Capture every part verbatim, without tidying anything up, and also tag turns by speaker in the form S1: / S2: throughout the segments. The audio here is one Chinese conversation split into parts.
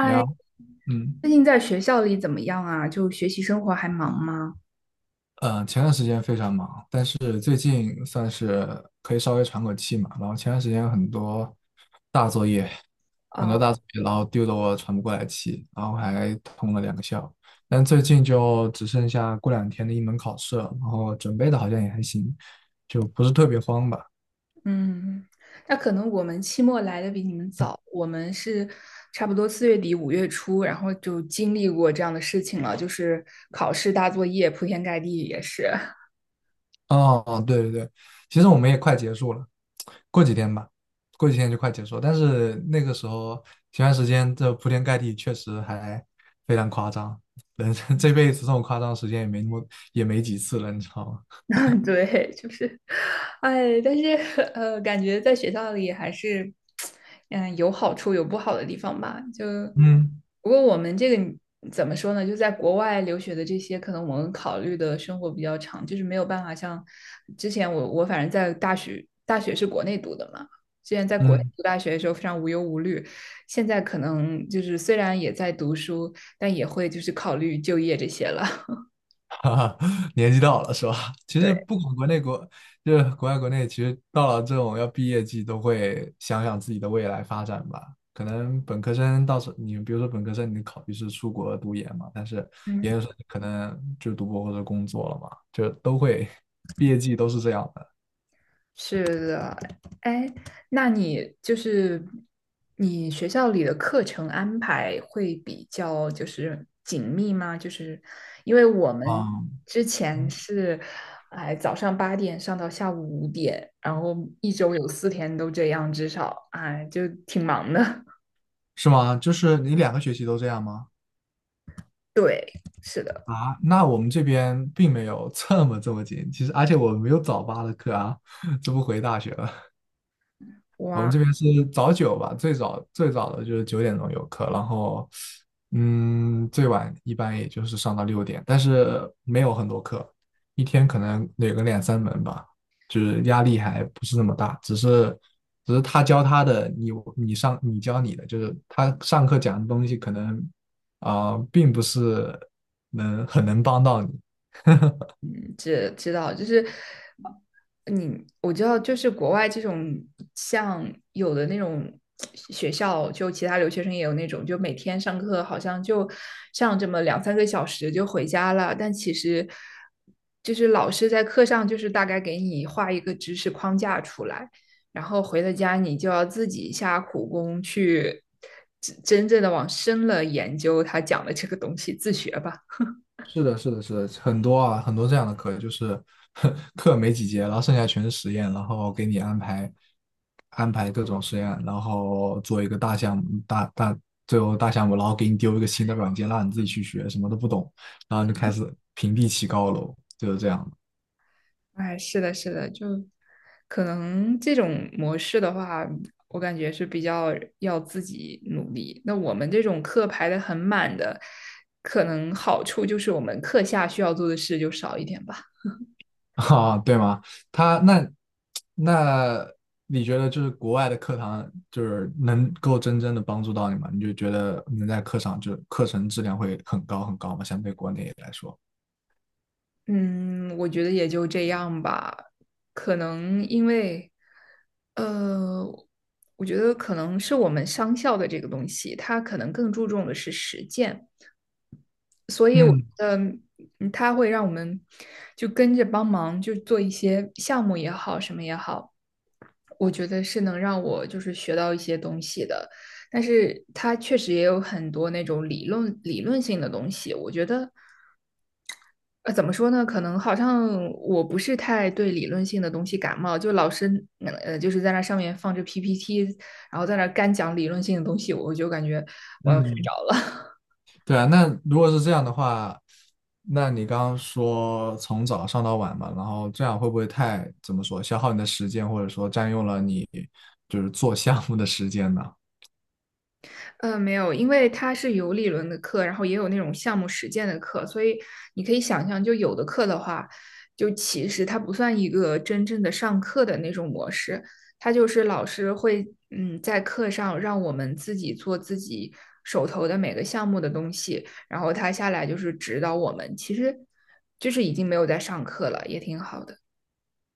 S1: 你好。嗯
S2: 最近在学校里怎么样啊？就学习生活还忙吗？
S1: 呃，前段时间非常忙，但是最近算是可以稍微喘口气嘛。然后前段时间很多大作业，很多
S2: 啊，
S1: 大作业，然后丢得我喘不过来气，然后还通了两个宵。但最近就只剩下过两天的一门考试了，然后准备的好像也还行，就不是特别慌吧。
S2: 嗯，那可能我们期末来的比你们早，我们是差不多四月底五月初，然后就经历过这样的事情了，就是考试大作业铺天盖地也是。
S1: 哦，哦，对对对，其实我们也快结束了，过几天吧，过几天就快结束了。但是那个时候前段时间这铺天盖地，确实还非常夸张。人生这辈子这种夸张的时间也没那么也没几次了，你知道吗？
S2: 对，就是，哎，但是呃，感觉在学校里还是，嗯，有好处有不好的地方吧。就
S1: 嗯
S2: 不过我们这个怎么说呢？就在国外留学的这些，可能我们考虑的生活比较长，就是没有办法像之前我我反正在大学大学是国内读的嘛，之前在国内
S1: 嗯。
S2: 读大学的时候非常无忧无虑，现在可能就是虽然也在读书，但也会就是考虑就业这些了。
S1: 哈哈，年纪到了是吧？其
S2: 对，
S1: 实不管国内国，就是国外国内，其实到了这种要毕业季，都会想想自己的未来发展吧。可能本科生到时候你比如说本科生，你考虑是出国读研嘛，但是
S2: 嗯。
S1: 研究生可能就读博或者工作了嘛，就都会毕业季都是这样的。
S2: 是的，哎，那你就是你学校里的课程安排会比较就是紧密吗？就是因为我们
S1: 嗯。
S2: 之前
S1: 嗯
S2: 是，哎，早上八点上到下午五点，然后一周有四天都这样，至少，哎，就挺忙的。
S1: 是吗？就是你两个学期都这样吗？
S2: 对，是的，
S1: 啊，那我们这边并没有这么这么紧，其实而且我没有早八的课啊。这不回大学了。我们
S2: 哇，
S1: 这边是早九吧，最早最早的就是九点钟有课，然后嗯，最晚一般也就是上到六点，但是没有很多课，一天可能有个两三门吧，就是压力还不是那么大，只是只是他教他的，你你上你教你的，就是他上课讲的东西可能啊、并不是能很能帮到你。
S2: 嗯，知知道，就是你我知道，就是国外这种像有的那种学校，就其他留学生也有那种，就每天上课好像就上这么两三个小时就回家了，但其实就是老师在课上就是大概给你画一个知识框架出来，然后回了家你就要自己下苦功去真真正的往深了研究他讲的这个东西，自学吧。
S1: 是的，是的，是的，很多啊，很多这样的课，就是 课没几节，然后剩下全是实验，然后给你安排安排各种实验，然后做一个大项目，大大最后大项目，然后给你丢一个新的软件，让你自己去学，什么都不懂，然后就开始平地起高楼，就是这样。
S2: 哎，是的，是的，就可能这种模式的话，我感觉是比较要自己努力。那我们这种课排的很满的，可能好处就是我们课下需要做的事就少一点吧。
S1: 啊，对吗？他那那你觉得就是国外的课堂就是能够真正的帮助到你吗？你就觉得能在课上就是课程质量会很高很高吗？相对国内来说，
S2: 嗯，我觉得也就这样吧。可能因为，呃，我觉得可能是我们商校的这个东西，它可能更注重的是实践。
S1: 嗯
S2: 呃嗯，它会让我们就跟着帮忙，就做一些项目也好，什么也好。我觉得是能让我就是学到一些东西的，但是它确实也有很多那种理论理论性的东西。我觉得呃怎么说呢？可能好像我不是太对理论性的东西感冒，就老师嗯呃就是在那上面放着 P P T，然后在那干讲理论性的东西，我就感觉我要睡
S1: 嗯，
S2: 着了。
S1: 对啊。那如果是这样的话，那你刚刚说从早上到晚嘛，然后这样会不会太怎么说消耗你的时间，或者说占用了你就是做项目的时间呢？
S2: 呃，没有，因为它是有理论的课，然后也有那种项目实践的课，所以你可以想象，就有的课的话，就其实它不算一个真正的上课的那种模式，它就是老师会嗯在课上让我们自己做自己手头的每个项目的东西，然后他下来就是指导我们，其实就是已经没有在上课了，也挺好的。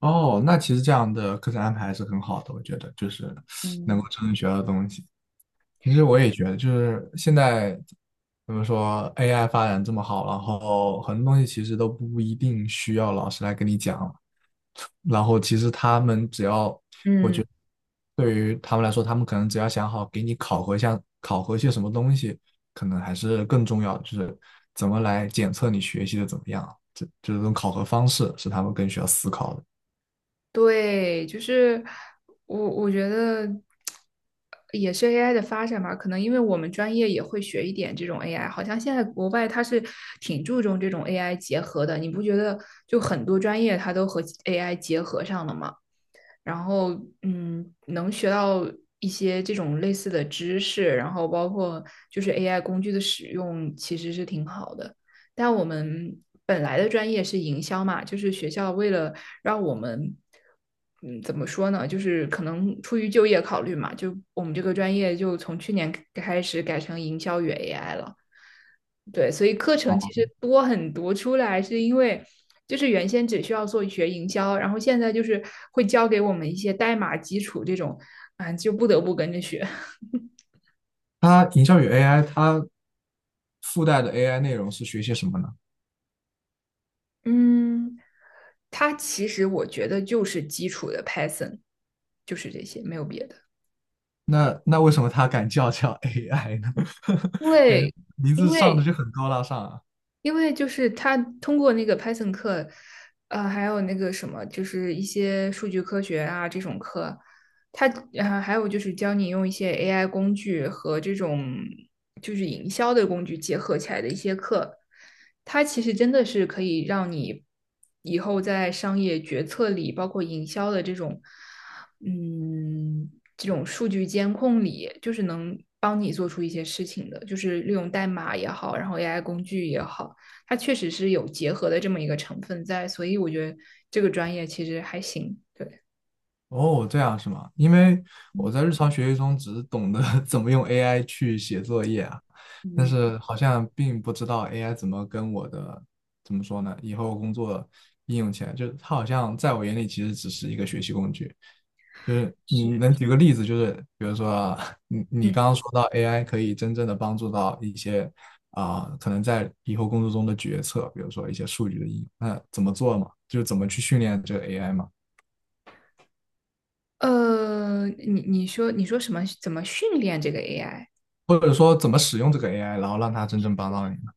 S1: 哦，那其实这样的课程安排还是很好的，我觉得就是 能
S2: 嗯，
S1: 够真正学到东西。其实我也觉得，就是现在怎么说，A I 发展这么好，然后很多东西其实都不一定需要老师来跟你讲了，然后其实他们只要，我
S2: 嗯。
S1: 觉得对于他们来说，他们可能只要想好给你考核一下，考核些什么东西，可能还是更重要的，就是怎么来检测你学习的怎么样，这这种考核方式是他们更需要思考的。
S2: 对，就是我我觉得也是 A I 的发展吧，可能因为我们专业也会学一点这种 A I，好像现在国外它是挺注重这种 A I 结合的，你不觉得就很多专业它都和 A I 结合上了吗？然后嗯，能学到一些这种类似的知识，然后包括就是 A I 工具的使用，其实是挺好的。但我们本来的专业是营销嘛，就是学校为了让我们，嗯，怎么说呢，就是可能出于就业考虑嘛，就我们这个专业就从去年开始改成营销与 A I 了。对，所以课程其实多很多，出来是因为就是原先只需要做学营销，然后现在就是会教给我们一些代码基础这种，啊，就不得不跟着学。
S1: 它营销与 A I，它附带的 A I 内容是学些什么呢？
S2: 嗯 它其实我觉得就是基础的 Python，就是这些，没有别的。
S1: 那那为什么它敢叫叫 A I 呢？
S2: 因
S1: 感觉
S2: 为
S1: 名
S2: 因
S1: 字上的
S2: 为
S1: 就很高大上啊。
S2: 因为就是他通过那个 Python 课，呃，还有那个什么，就是一些数据科学啊这种课，他呃还有就是教你用一些 A I 工具和这种就是营销的工具结合起来的一些课，它其实真的是可以让你以后在商业决策里，包括营销的这种，嗯，这种数据监控里，就是能帮你做出一些事情的，就是利用代码也好，然后 A I 工具也好，它确实是有结合的这么一个成分在，所以我觉得这个专业其实还行。对，
S1: 哦，这样是吗？因为我
S2: 嗯
S1: 在日常学习中只懂得 怎么用 A I 去写作业啊，但
S2: 嗯
S1: 是好像并不知道 A I 怎么跟我的，怎么说呢，以后工作应用起来，就是它好像在我眼里其实只是一个学习工具。就是你
S2: 是。
S1: 能举个例子，就是比如说啊你你
S2: 嗯，
S1: 刚刚说到 A I 可以真正的帮助到一些啊、可能在以后工作中的决策，比如说一些数据的应用，那怎么做嘛？就是怎么去训练这个 A I 嘛？
S2: 呃，你你说你说什么？怎么训练这个 A I？
S1: 或者说怎么使用这个 A I，然后让它真正帮到你呢？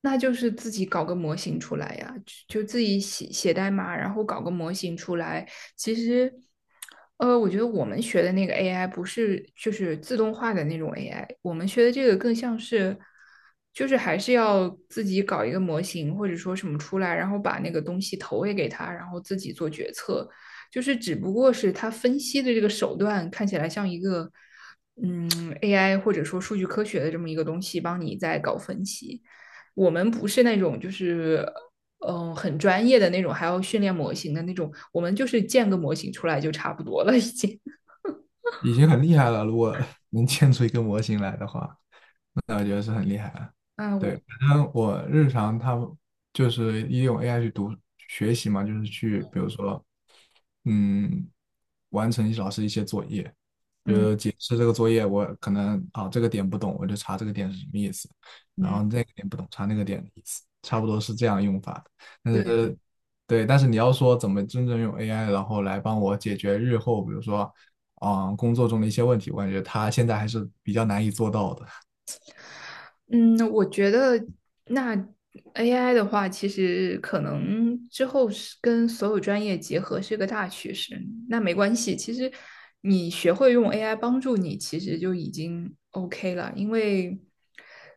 S2: 那就是自己搞个模型出来呀，就自己写写代码，然后搞个模型出来。其实，呃，我觉得我们学的那个 A I 不是就是自动化的那种 A I，我们学的这个更像是，就是还是要自己搞一个模型或者说什么出来，然后把那个东西投喂给他，然后自己做决策。就是只不过是他分析的这个手段看起来像一个，嗯，A I 或者说数据科学的这么一个东西，帮你在搞分析。我们不是那种就是嗯、呃很专业的那种，还要训练模型的那种，我们就是建个模型出来就差不多了，已经。
S1: 已经很厉害了，如果能建出一个模型来的话，那我觉得是很厉害了。
S2: 啊，
S1: 对，
S2: 我
S1: 反正我日常他就是利用 A I 去读学习嘛，就是去比如说，嗯，完成老师一些作业，就
S2: 嗯
S1: 是解释这个作业，我可能啊这个点不懂，我就查这个点是什么意思，然
S2: 嗯，
S1: 后那个点不懂，查那个点的意思，差不多是这样用法的。但
S2: 对。
S1: 是对，但是你要说怎么真正用 A I，然后来帮我解决日后，比如说，啊工作中的一些问题，我感觉它现在还是比较难以做到的。
S2: 嗯，我觉得那 A I 的话，其实可能之后是跟所有专业结合是个大趋势。那没关系，其实你学会用 A I 帮助你，其实就已经 OK 了。因为，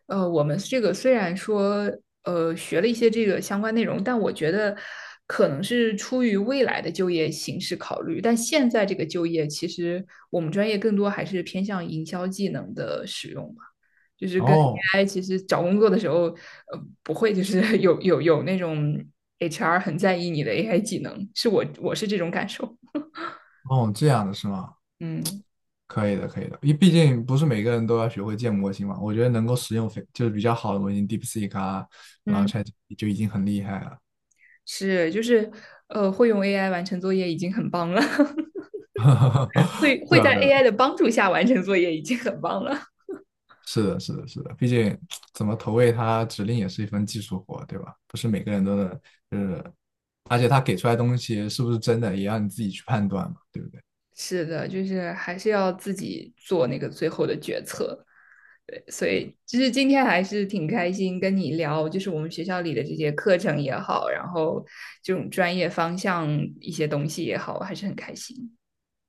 S2: 呃，我们这个虽然说呃学了一些这个相关内容，但我觉得可能是出于未来的就业形势考虑。但现在这个就业，其实我们专业更多还是偏向营销技能的使用。就是跟
S1: 哦
S2: A I 其实找工作的时候，呃，不会就是 有有有那种 H R 很在意你的 A I 技能，是我我是这种感受。
S1: 哦，这样的是吗？
S2: 嗯
S1: 可以的，可以的，因为毕竟不是每个人都要学会建模型嘛。我觉得能够使用非就是比较好的模型，DeepSeek 啊，然后
S2: 嗯，
S1: ChatGPT 就已经很厉害了。
S2: 是就是呃，会用 A I 完成作业已经很棒了，会会
S1: 对啊，
S2: 在
S1: 对啊，
S2: A I 的帮助下完成作业已经很棒了。
S1: 是的，是的，是的，毕竟怎么投喂它指令也是一份技术活，对吧？不是每个人都能，就是而且它给出来东西是不是真的，也要你自己去判断嘛，对不对？
S2: 是的，就是还是要自己做那个最后的决策。对，所以就是今天还是挺开心跟你聊，就是我们学校里的这些课程也好，然后这种专业方向一些东西也好，我还是很开心。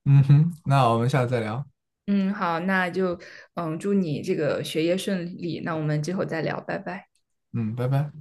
S1: 嗯哼，那我们下次再聊，
S2: 嗯，好，那就嗯，祝你这个学业顺利。那我们之后再聊，拜拜。
S1: 嗯，拜拜。